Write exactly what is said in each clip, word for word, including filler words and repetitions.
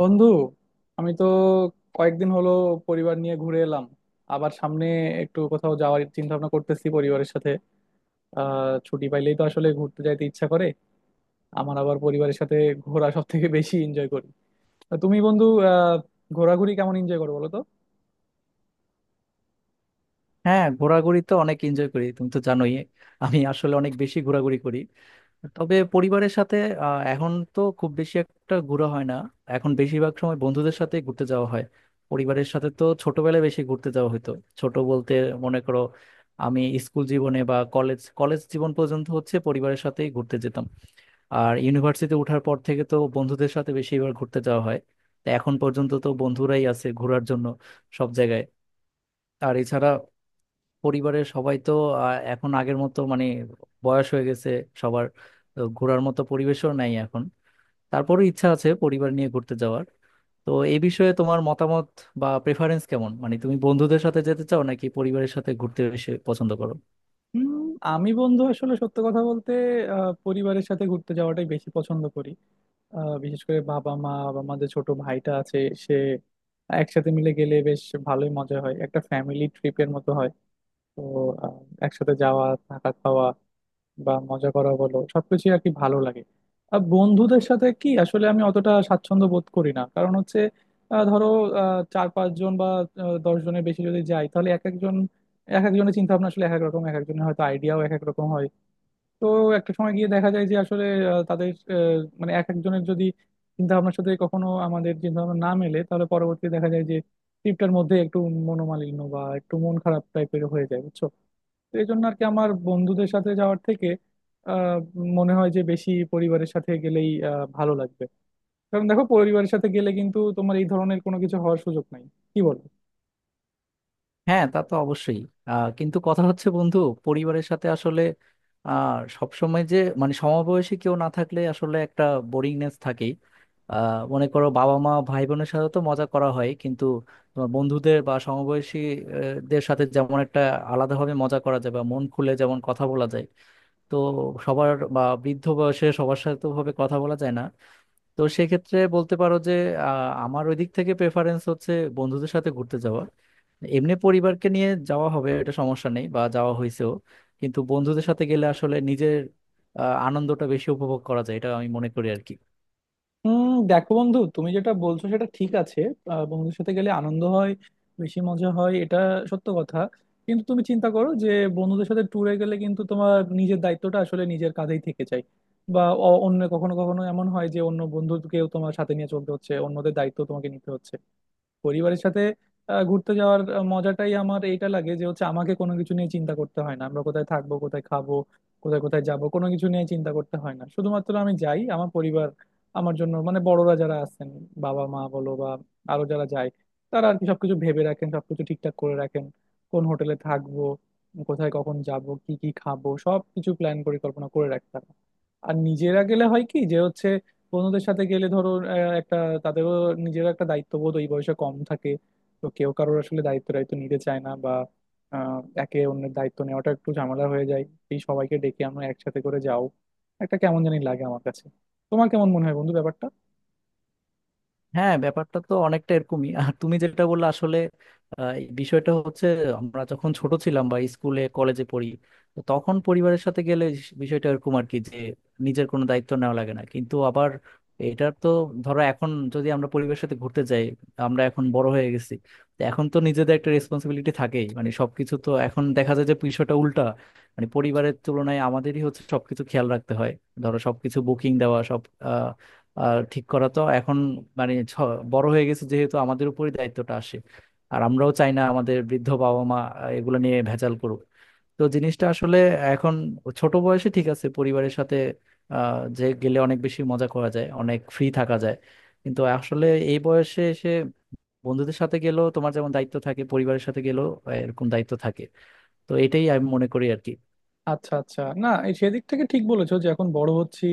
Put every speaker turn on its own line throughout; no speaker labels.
বন্ধু, আমি তো কয়েকদিন হলো পরিবার নিয়ে ঘুরে এলাম। আবার সামনে একটু কোথাও যাওয়ার চিন্তা ভাবনা করতেছি পরিবারের সাথে। আহ ছুটি পাইলেই তো আসলে ঘুরতে যাইতে ইচ্ছা করে। আমার আবার পরিবারের সাথে ঘোরা সব থেকে বেশি এনজয় করি। তা তুমি বন্ধু, আহ ঘোরাঘুরি কেমন এনজয় করো বলো তো?
হ্যাঁ, ঘোরাঘুরি তো অনেক এনজয় করি, তুমি তো জানোই। আমি আসলে অনেক বেশি ঘোরাঘুরি করি, তবে পরিবারের সাথে আহ, এখন তো খুব বেশি একটা ঘোরা হয় না। এখন বেশিরভাগ সময় বন্ধুদের সাথে ঘুরতে যাওয়া হয়। পরিবারের সাথে তো ছোটবেলায় বেশি ঘুরতে যাওয়া হতো। ছোট বলতে মনে করো, আমি স্কুল জীবনে বা কলেজ কলেজ জীবন পর্যন্ত হচ্ছে পরিবারের সাথেই ঘুরতে যেতাম। আর ইউনিভার্সিটিতে ওঠার পর থেকে তো বন্ধুদের সাথে বেশিবার ঘুরতে যাওয়া হয়। তো এখন পর্যন্ত তো বন্ধুরাই আছে ঘোরার জন্য সব জায়গায়। আর এছাড়া পরিবারের সবাই তো আহ, এখন আগের মতো, মানে বয়স হয়ে গেছে সবার, তো ঘোরার মতো পরিবেশও নাই এখন। তারপরও ইচ্ছা আছে পরিবার নিয়ে ঘুরতে যাওয়ার। তো এই বিষয়ে তোমার মতামত বা প্রেফারেন্স কেমন? মানে তুমি বন্ধুদের সাথে যেতে চাও নাকি পরিবারের সাথে ঘুরতে বেশি পছন্দ করো?
হুম। আমি বন্ধু আসলে সত্য কথা বলতে আহ পরিবারের সাথে ঘুরতে যাওয়াটাই বেশি পছন্দ করি। আহ বিশেষ করে বাবা মা বা আমাদের ছোট ভাইটা আছে, সে একসাথে মিলে গেলে বেশ ভালোই মজা হয়, একটা ফ্যামিলি ট্রিপের মতো হয়। তো আহ, একসাথে যাওয়া থাকা খাওয়া বা মজা করা বলো সবকিছু আর কি ভালো লাগে। আর বন্ধুদের সাথে কি আসলে আমি অতটা স্বাচ্ছন্দ্য বোধ করি না, কারণ হচ্ছে আহ, ধরো, আহ, চার পাঁচজন বা আহ, দশ জনের বেশি যদি যাই তাহলে এক একজন, এক একজনের চিন্তা ভাবনা আসলে এক এক রকম, এক একজনের হয়তো আইডিয়াও এক এক রকম হয়। তো একটা সময় গিয়ে দেখা যায় যে আসলে আহ, তাদের, আহ, মানে এক একজনের যদি চিন্তা ভাবনার সাথে কখনো আমাদের চিন্তা ভাবনা না মেলে তাহলে পরবর্তীতে দেখা যায় যে ট্রিপটার মধ্যে একটু মনোমালিন্য বা একটু মন খারাপ টাইপের হয়ে যায়, বুঝছো? তো এই জন্য আর কি আমার বন্ধুদের সাথে যাওয়ার থেকে আহ, মনে হয় যে বেশি পরিবারের সাথে গেলেই আহ, ভালো লাগবে। কারণ দেখো, পরিবারের সাথে গেলে কিন্তু তোমার এই ধরনের কোনো কিছু হওয়ার সুযোগ নাই। কি বলো?
হ্যাঁ, তা তো অবশ্যই। আহ, কিন্তু কথা হচ্ছে বন্ধু, পরিবারের সাথে আসলে আহ সবসময় যে মানে সমবয়সী কেউ না থাকলে আসলে একটা বোরিংনেস থাকেই। আহ মনে করো, বাবা মা ভাই বোনের সাথে তো মজা করা হয়, কিন্তু তোমার বন্ধুদের বা সমবয়সী আহ, দের সাথে যেমন একটা আলাদাভাবে মজা করা যায় বা মন খুলে যেমন কথা বলা যায়। তো সবার বা বৃদ্ধ বয়সে সবার সাথে তো ভাবে কথা বলা যায় না। তো সেক্ষেত্রে বলতে পারো যে আহ, আমার ওই দিক থেকে প্রেফারেন্স হচ্ছে বন্ধুদের সাথে ঘুরতে যাওয়া। এমনি পরিবারকে নিয়ে যাওয়া হবে, এটা সমস্যা নেই বা যাওয়া হয়েছেও, কিন্তু বন্ধুদের সাথে গেলে আসলে নিজের আহ, আনন্দটা বেশি উপভোগ করা যায়। এটা আমি মনে করি আর কি।
হুম। দেখো বন্ধু, তুমি যেটা বলছো সেটা ঠিক আছে। আহ, বন্ধুদের সাথে গেলে আনন্দ হয়, বেশি মজা হয়, এটা সত্য কথা। কিন্তু তুমি চিন্তা করো যে বন্ধুদের সাথে ট্যুরে গেলে কিন্তু তোমার নিজের দায়িত্বটা আসলে নিজের কাঁধেই থেকে যায়। বা অ- অন্য কখনো কখনো এমন হয় যে অন্য বন্ধুকেও তোমার সাথে নিয়ে চলতে হচ্ছে, অন্যদের দায়িত্ব তোমাকে নিতে হচ্ছে। পরিবারের সাথে আহ, ঘুরতে যাওয়ার আহ, মজাটাই আমার এইটা লাগে যে হচ্ছে আমাকে কোনো কিছু নিয়ে চিন্তা করতে হয় না, আমরা কোথায় থাকবো, কোথায় খাবো, কোথায় কোথায় যাব, কোনো কিছু নিয়ে চিন্তা করতে হয় না। শুধুমাত্র আমি যাই, আমার পরিবার আমার জন্য মানে বড়রা যারা আছেন, বাবা মা বলো বা আরো যারা যায় তারা আর কি সবকিছু ভেবে রাখেন, সবকিছু ঠিকঠাক করে রাখেন। কোন হোটেলে থাকবো, কোথায় কখন যাব, কি কি খাবো, সবকিছু প্ল্যান পরিকল্পনা করে রাখতে হয়। আর নিজেরা গেলে হয় কি যে হচ্ছে বন্ধুদের সাথে গেলে ধরো আহ, একটা তাদেরও, নিজেরও একটা দায়িত্ববোধ ওই বয়সে কম থাকে। তো কেউ কারোর আসলে দায়িত্ব দায়িত্ব নিতে চায় না, বা আহ, একে অন্যের দায়িত্ব নেওয়াটা একটু ঝামেলা হয়ে যায়। এই সবাইকে ডেকে আমরা একসাথে করে যাও, একটা কেমন জানি লাগে আমার কাছে। তোমার কেমন মনে হয় বন্ধু ব্যাপারটা?
হ্যাঁ, ব্যাপারটা তো অনেকটা এরকমই। আর তুমি যেটা বললে আসলে আহ, এই বিষয়টা হচ্ছে, আমরা যখন ছোট ছিলাম বা স্কুলে কলেজে পড়ি, তো তখন পরিবারের সাথে গেলে স- বিষয়টা এরকম আর কি যে নিজের কোনো দায়িত্ব নেওয়া লাগে না। কিন্তু আবার এটার তো, ধরো এখন যদি আমরা পরিবারের সাথে ঘুরতে যাই, আমরা এখন বড় হয়ে গেছি, তো এখন তো নিজেদের একটা রেসপন্সিবিলিটি থাকেই। মানে সবকিছু তো এখন দেখা যায় যে বিষয়টা উল্টা, মানে পরিবারের তুলনায় আমাদেরই হচ্ছে সবকিছু খেয়াল রাখতে হয়। ধরো সবকিছু বুকিং দেওয়া, সব আহ, ঠিক করা তো এখন, মানে ছ- বড় হয়ে গেছে যেহেতু, আমাদের উপরই দায়িত্বটা আসে। আর আমরাও চাই না আমাদের বৃদ্ধ বাবা মা আহ, এগুলো নিয়ে ভেজাল করুক। তো জিনিসটা আসলে এখন, ছোট বয়সে ঠিক আছে, পরিবারের সাথে আহ, যে গেলে অনেক বেশি মজা করা যায়, অনেক ফ্রি থাকা যায়। কিন্তু আসলে এই বয়সে এসে বন্ধুদের সাথে গেলেও তোমার যেমন দায়িত্ব থাকে, পরিবারের সাথে গেলেও আহ, এরকম দায়িত্ব থাকে। তো এটাই আমি মনে করি আর কি।
আচ্ছা, আচ্ছা, না এই সেদিক থেকে ঠিক বলেছো যে এখন বড় হচ্ছি।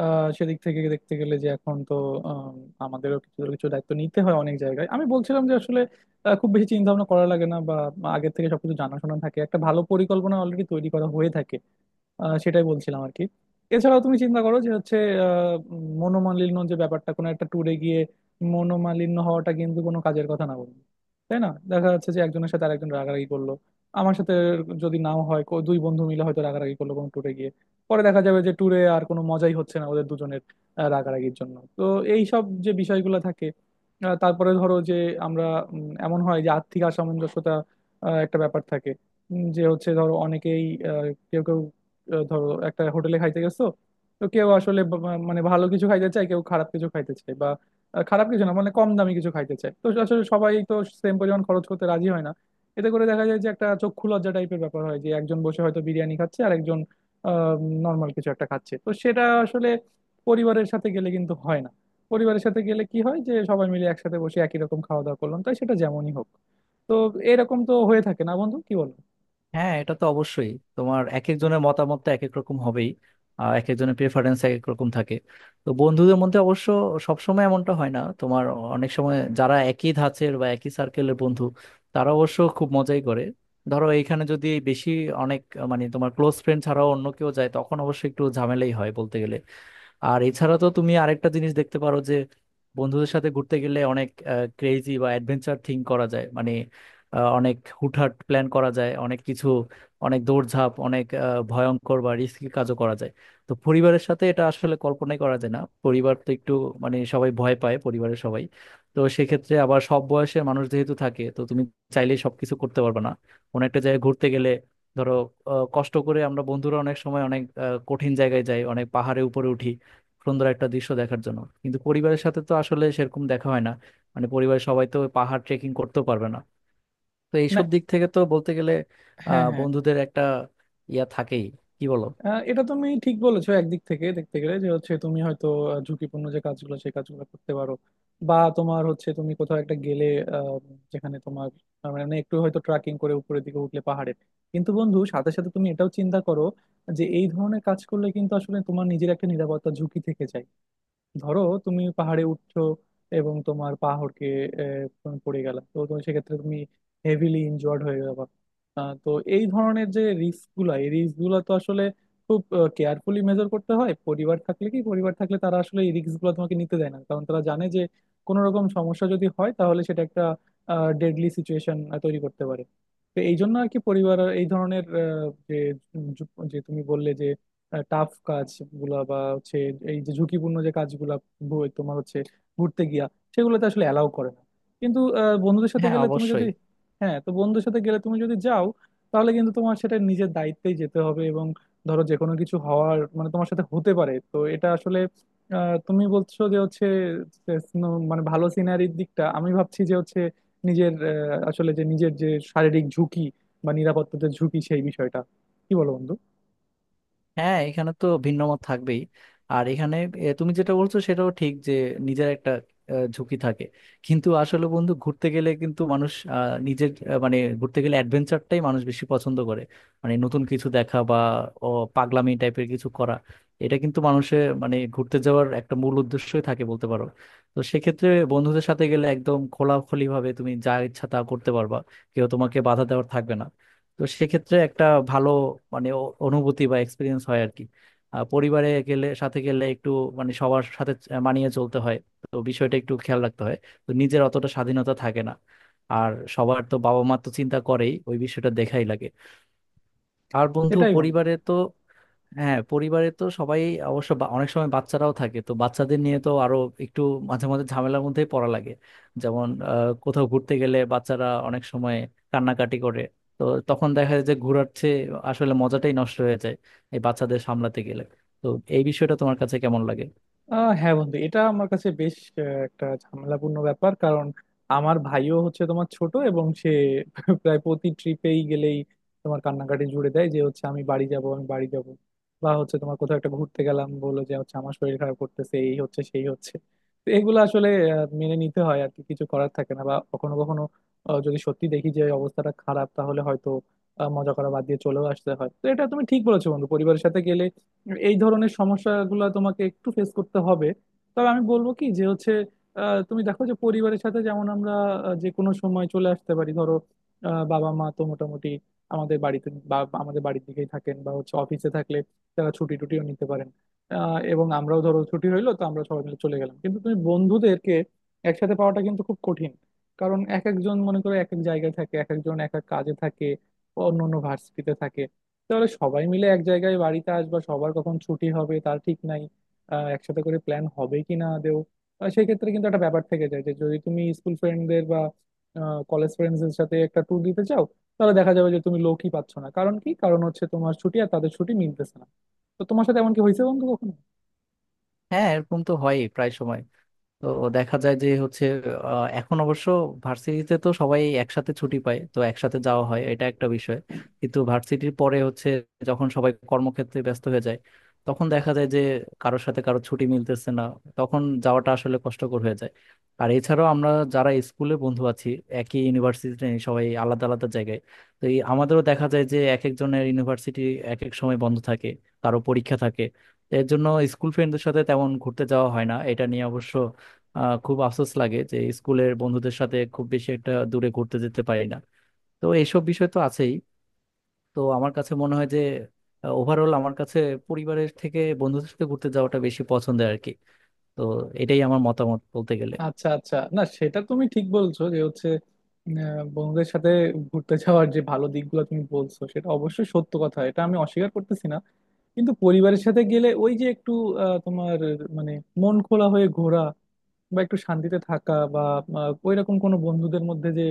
আহ, সেদিক থেকে দেখতে গেলে যে এখন তো আম, আমাদেরও কিছু না কিছু দায়িত্ব নিতে হয় অনেক জায়গায়। আমি বলছিলাম যে আসলে আহ, খুব বেশি চিন্তা ভাবনা করা লাগে না, বা আগে থেকে সবকিছু জানাশোনা থাকে, একটা ভালো পরিকল্পনা অলরেডি তৈরি করা হয়ে থাকে। আহ, সেটাই বলছিলাম আর কি। এছাড়াও তুমি চিন্তা করো যে হচ্ছে আহ, উম, মনোমালিন্য যে ব্যাপারটা, কোনো একটা ট্যুরে গিয়ে মনোমালিন্য হওয়াটা কিন্তু কোনো কাজের কথা না বলবো, তাই না? দেখা যাচ্ছে যে একজনের সাথে আরেকজন রাগারাগি করলো। আমার সাথে যদি নাও হয়, কো- দুই বন্ধু মিলে হয়তো রাগারাগি করলো কোনো ট্যুরে গিয়ে, পরে দেখা যাবে যে ট্যুরে আর কোনো মজাই হচ্ছে না ওদের দুজনের আহ, রাগারাগির জন্য। তো এই সব যে বিষয়গুলো থাকে। আহ, তারপরে ধরো যে আমরা, উম, এমন হয় যে আর্থিক অসামঞ্জস্যতা আহ, একটা ব্যাপার থাকে। উম, যে হচ্ছে ধরো অনেকেই, আহ, কেউ কেউ, আহ, ধরো একটা হোটেলে খাইতে গেছো, তো কেউ আসলে বা- বা- মানে ভালো কিছু খাইতে চায়, কেউ খারাপ কিছু খাইতে চায়, বা আহ, খারাপ কিছু না মানে কম দামি কিছু খাইতে চায়। তো আসলে সবাই তো সেম পরিমাণ খরচ করতে রাজি হয় না। এতে করে দেখা যায় যে একটা চক্ষু লজ্জা টাইপের ব্যাপার হয় যে একজন বসে হয়তো বিরিয়ানি খাচ্ছে আর একজন নর্মাল কিছু একটা খাচ্ছে, তো সেটা আসলে পরিবারের সাথে গেলে কিন্তু হয় না। পরিবারের সাথে গেলে কি হয় যে সবাই মিলে একসাথে বসে একই রকম খাওয়া দাওয়া করলাম, তাই সেটা যেমনই হোক। তো এরকম তো হয়ে থাকে না বন্ধু, কি বলো?
হ্যাঁ, এটা তো অবশ্যই। তোমার এক একজনের মতামত তো এক এক রকম হবেই, আর এক একজনের প্রেফারেন্স এক এক রকম থাকে। তো বন্ধুদের মধ্যে অবশ্য সবসময় এমনটা হয় না তোমার। অনেক সময় যারা একই ধাঁচের বা একই সার্কেলের বন্ধু, তারা অবশ্য খুব মজাই করে। ধরো এইখানে যদি বেশি, অনেক, মানে তোমার ক্লোজ ফ্রেন্ড ছাড়াও অন্য কেউ যায়, তখন অবশ্য একটু ঝামেলাই হয় বলতে গেলে। আর এছাড়া তো তুমি আরেকটা জিনিস দেখতে পারো যে বন্ধুদের সাথে ঘুরতে গেলে অনেক ক্রেজি বা অ্যাডভেঞ্চার থিঙ্ক করা যায়। মানে আহ, অনেক হুটহাট প্ল্যান করা যায়, অনেক কিছু, অনেক দৌড়ঝাঁপ, অনেক আহ, ভয়ঙ্কর বা রিস্কি কাজও করা যায়। তো পরিবারের সাথে এটা আসলে কল্পনাই করা যায় না। পরিবার তো একটু, মানে সবাই ভয় পায় পরিবারের সবাই। তো সেক্ষেত্রে আবার সব বয়সের মানুষ যেহেতু থাকে, তো তুমি চাইলেই সবকিছু করতে পারবে না কোনো একটা জায়গায় ঘুরতে গেলে। ধরো আহ, কষ্ট করে আমরা বন্ধুরা অনেক সময় অনেক আহ, কঠিন জায়গায় যাই, অনেক পাহাড়ে উপরে উঠি সুন্দর একটা দৃশ্য দেখার জন্য, কিন্তু পরিবারের সাথে তো আসলে সেরকম দেখা হয় না। মানে পরিবারের সবাই তো ওই পাহাড় ট্রেকিং করতেও পারবে না। তো
না,
এইসব দিক থেকে তো বলতে গেলে
হ্যাঁ,
আহ
হ্যাঁ।
বন্ধুদের একটা ইয়া থাকেই। কি বলো?
আহ, এটা তুমি ঠিক বলেছো, একদিক থেকে দেখতে গেলে যে হচ্ছে তুমি হয়তো আহ, ঝুঁকিপূর্ণ যে কাজগুলো সেই কাজগুলো করতে পারো, বা তোমার হচ্ছে তুমি কোথাও একটা গেলে আহ, যেখানে তোমার আহ, মানে একটু হয়তো ট্রাকিং করে উপরের দিকে উঠলে পাহাড়ে। কিন্তু বন্ধু সাথে সাথে তুমি এটাও চিন্তা করো যে এই ধরনের কাজ করলে কিন্তু আসলে তোমার নিজের একটা নিরাপত্তা ঝুঁকি থেকে যায়। ধরো তুমি পাহাড়ে উঠছো এবং তোমার পা হড়কে আহ, তুমি পড়ে গেলা, তো তুমি সেক্ষেত্রে তুমি হেভিলি ইনজয়ার্ড হয়ে যাবা। আহ, তো এই ধরনের যে রিস্ক গুলা, এই রিস্ক গুলা তো আসলে খুব কেয়ারফুলি মেজার করতে হয়। পরিবার থাকলে কি, পরিবার থাকলে তারা আসলে এই রিস্ক গুলো তোমাকে নিতে দেয় না, কারণ তারা জানে যে কোনো রকম সমস্যা যদি হয় তাহলে সেটা একটা ডেডলি সিচুয়েশন তৈরি করতে পারে। তো এই জন্য আর কি পরিবার এই ধরনের আহ, যে যে তুমি বললে যে টাফ কাজগুলা বা হচ্ছে এই যে ঝুঁকিপূর্ণ যে কাজগুলা, ভু- তোমার হচ্ছে ঘুরতে গিয়া সেগুলোতে আসলে অ্যালাউ করে না। কিন্তু আহ, বন্ধুদের সাথে
হ্যাঁ,
গেলে তুমি যদি,
অবশ্যই।
হ্যাঁ, তো বন্ধুদের সাথে গেলে তুমি যদি যাও তাহলে কিন্তু তোমার সেটা নিজের দায়িত্বেই যেতে হবে, এবং ধরো যে কোনো কিছু হওয়ার মানে তোমার সাথে হতে পারে, তো এটা আসলে আহ, তুমি বলছো যে হচ্ছে যে snow- মানে ভালো সিনারির দিকটা আমি ভাবছি, যে হচ্ছে নিজের আহ, আসলে যে নিজের যে শারীরিক ঝুঁকি বা নিরাপত্তার যে ঝুঁকি সেই বিষয়টা। কি বলো বন্ধু?
হ্যাঁ, এখানে তো ভিন্ন মত থাকবেই। আর এখানে এ, তুমি যেটা বলছো সেটাও ঠিক যে নিজের একটা আহ, ঝুঁকি থাকে। কিন্তু আসলে বন্ধু, ঘুরতে গেলে কিন্তু মানুষ আহ, নিজের আহ, মানে ঘুরতে গেলে অ্যাডভেঞ্চারটাই মানুষ বেশি পছন্দ করে। মানে নতুন কিছু দেখা বা ও, পাগলামি টাইপের কিছু করা, এটা কিন্তু মানুষের মানে ঘুরতে যাওয়ার একটা মূল উদ্দেশ্যই থাকে বলতে পারো। তো সেক্ষেত্রে বন্ধুদের সাথে গেলে একদম খোলাখুলি ভাবে তুমি যা ইচ্ছা তা করতে পারবা, কেউ তোমাকে বাধা দেওয়ার থাকবে না। তো সেক্ষেত্রে একটা ভালো, মানে অ- অনুভূতি বা এক্সপিরিয়েন্স হয় আর কি। আহ, পরিবারে গেলে, সাথে গেলে একটু, মানে সবার সাথে আহ, মানিয়ে চলতে হয়, তো বিষয়টা একটু খেয়াল রাখতে হয়, তো নিজের অতটা স্বাধীনতা থাকে না। আর সবার তো বাবা মা তো চিন্তা করেই, ওই বিষয়টা দেখাই লাগে। আর বন্ধু
এটাই বন্ধু।
পরিবারে তো হ্যাঁ, পরিবারে তো সবাই অবশ্য বা- অনেক সময় বাচ্চারাও থাকে, তো বাচ্চাদের নিয়ে তো আরো একটু মাঝে মাঝে ঝামেলার মধ্যেই পড়া লাগে। যেমন আহ, কোথাও ঘুরতে গেলে বাচ্চারা অনেক সময় কান্নাকাটি করে। তো তখন দেখা যায় যে ঘোরার চেয়ে আসলে মজাটাই নষ্ট হয়ে যায় এই বাচ্চাদের সামলাতে গেলে। তো এই বিষয়টা তোমার কাছে কেমন লাগে?
আহ হ্যাঁ বন্ধু, এটা আমার কাছে বেশ আহ, একটা ঝামেলাপূর্ণ ব্যাপার। কারণ আমার ভাইও হচ্ছে তোমার ছোট, এবং সে প্রায় প্রতি ট্রিপেই গেলেই তোমার কান্নাকাটি জুড়ে দেয় যে হচ্ছে আমি বাড়ি যাব, আমি বাড়ি যাব, বা হচ্ছে তোমার কোথাও একটা ঘুরতে গেলাম বলে যে হচ্ছে আমার শরীর খারাপ করতেছে, এই হচ্ছে সেই হচ্ছে। তো এগুলো আসলে আহ, মেনে নিতে হয় আর কি, কিছু করার থাকে না। বা কখনো কখনো আহ, যদি সত্যি দেখি যে অবস্থাটা খারাপ তাহলে হয়তো আহ, মজা করা বাদ দিয়ে চলেও আসতে হয়। তো এটা তুমি ঠিক বলেছো বন্ধু, পরিবারের সাথে গেলে এই ধরনের সমস্যাগুলো তোমাকে একটু ফেস করতে হবে। তবে আমি বলবো কি যে হচ্ছে আহ, তুমি দেখো যে পরিবারের সাথে যেমন আমরা আহ, যে কোনো সময় চলে আসতে পারি। ধরো আহ, বাবা মা তো মোটামুটি আমাদের বাড়িতে বা আমাদের বাড়ির দিকেই থাকেন, বা হচ্ছে অফিসে থাকলে তারা ছুটি টুটিও নিতে পারেন। আহ, এবং আমরাও ধরো ছুটি হইলো তো আমরা সবাই মিলে চলে গেলাম। কিন্তু তুমি বন্ধুদেরকে একসাথে পাওয়াটা কিন্তু খুব কঠিন, কারণ এক একজন মনে করো এক এক জায়গায় থাকে, এক একজন এক এক কাজে থাকে, অন্য অন্য ভার্সিটিতে থাকে। তাহলে সবাই মিলে এক জায়গায় বাড়িতে আসবা, সবার কখন ছুটি হবে তার ঠিক নাই। আহ, একসাথে করে প্ল্যান হবে কি না আদেও। আহ, সেই ক্ষেত্রে কিন্তু একটা ব্যাপার থেকে যায় যে যদি তুমি স্কুল ফ্রেন্ডদের বা কলেজ ফ্রেন্ডসদের সাথে একটা ট্যুর দিতে চাও তাহলে দেখা যাবে যে তুমি লোকই পাচ্ছ না। কারণ কি? কারণ হচ্ছে তোমার ছুটি আর তাদের ছুটি মিলতেছে না। তো তোমার সাথে এমন কি হয়েছে বন্ধু কখনো?
হ্যাঁ, এরকম তো হয় প্রায় সময়। তো দেখা যায় যে হচ্ছে আহ, এখন অবশ্য ভার্সিটিতে তো সবাই একসাথে ছুটি পায়, তো একসাথে যাওয়া হয়, এটা একটা বিষয়। কিন্তু ভার্সিটির পরে হচ্ছে, যখন সবাই কর্মক্ষেত্রে ব্যস্ত হয়ে যায়, তখন দেখা যায় যে কারোর সাথে কারো ছুটি মিলতেছে না, তখন যাওয়াটা আসলে কষ্টকর হয়ে যায়। আর এছাড়াও আমরা যারা স্কুলে বন্ধু আছি একই ইউনিভার্সিটিতে, সবাই আলাদা আলাদা জায়গায়, তো এই আমাদেরও দেখা যায় যে এক একজনের ইউনিভার্সিটি এক এক সময় বন্ধ থাকে, কারো পরীক্ষা থাকে। এর জন্য স্কুল ফ্রেন্ডদের সাথে তেমন ঘুরতে যাওয়া হয় না। এটা নিয়ে অবশ্য আহ খুব আফসোস লাগে যে স্কুলের বন্ধুদের সাথে খুব বেশি একটা দূরে ঘুরতে যেতে পারি না। তো এইসব বিষয় তো আছেই। তো আমার কাছে মনে হয় যে ওভারঅল আমার কাছে পরিবারের থেকে বন্ধুদের সাথে ঘুরতে যাওয়াটা বেশি পছন্দের আর কি। তো এটাই আমার মতামত বলতে গেলে।
আচ্ছা, আচ্ছা, না সেটা তুমি ঠিক বলছো যে হচ্ছে আহ, বন্ধুদের সাথে ঘুরতে যাওয়ার যে ভালো দিকগুলো তুমি বলছো সেটা অবশ্যই সত্য কথা, এটা আমি অস্বীকার করতেছি না। কিন্তু পরিবারের সাথে গেলে ওই যে একটু আহ, তোমার মানে মন খোলা হয়ে ঘোরা বা একটু শান্তিতে থাকা, বা আহ, ওইরকম কোনো বন্ধুদের মধ্যে যে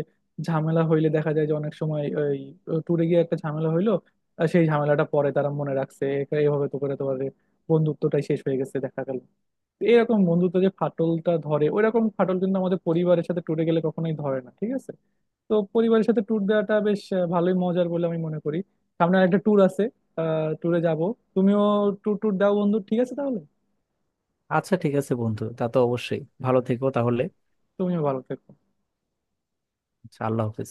ঝামেলা হইলে দেখা যায় যে অনেক সময় ওই ট্যুরে গিয়ে একটা ঝামেলা হইলো আর সেই ঝামেলাটা পরে তারা মনে রাখছে, এটা এভাবে তো করে তোমার বন্ধুত্বটাই শেষ হয়ে গেছে দেখা গেল। এরকম বন্ধুত্ব যে ফাটলটা ধরে ওইরকম ফাটল কিন্তু আমাদের পরিবারের সাথে ট্যুরে গেলে কখনোই ধরে না, ঠিক আছে। তো পরিবারের সাথে ট্যুর দেওয়াটা বেশ আহ, ভালোই মজার বলে আমি মনে করি। সামনে একটা ট্যুর আছে, আহ ট্যুরে যাব। তুমিও ট্যুর ট্যুর দাও বন্ধু, ঠিক আছে তাহলে?
আচ্ছা, ঠিক আছে বন্ধু, তা তো অবশ্যই। ভালো থেকো তাহলে।
তুমিও ভালো থেকো।
আচ্ছা, আল্লাহ হাফেজ।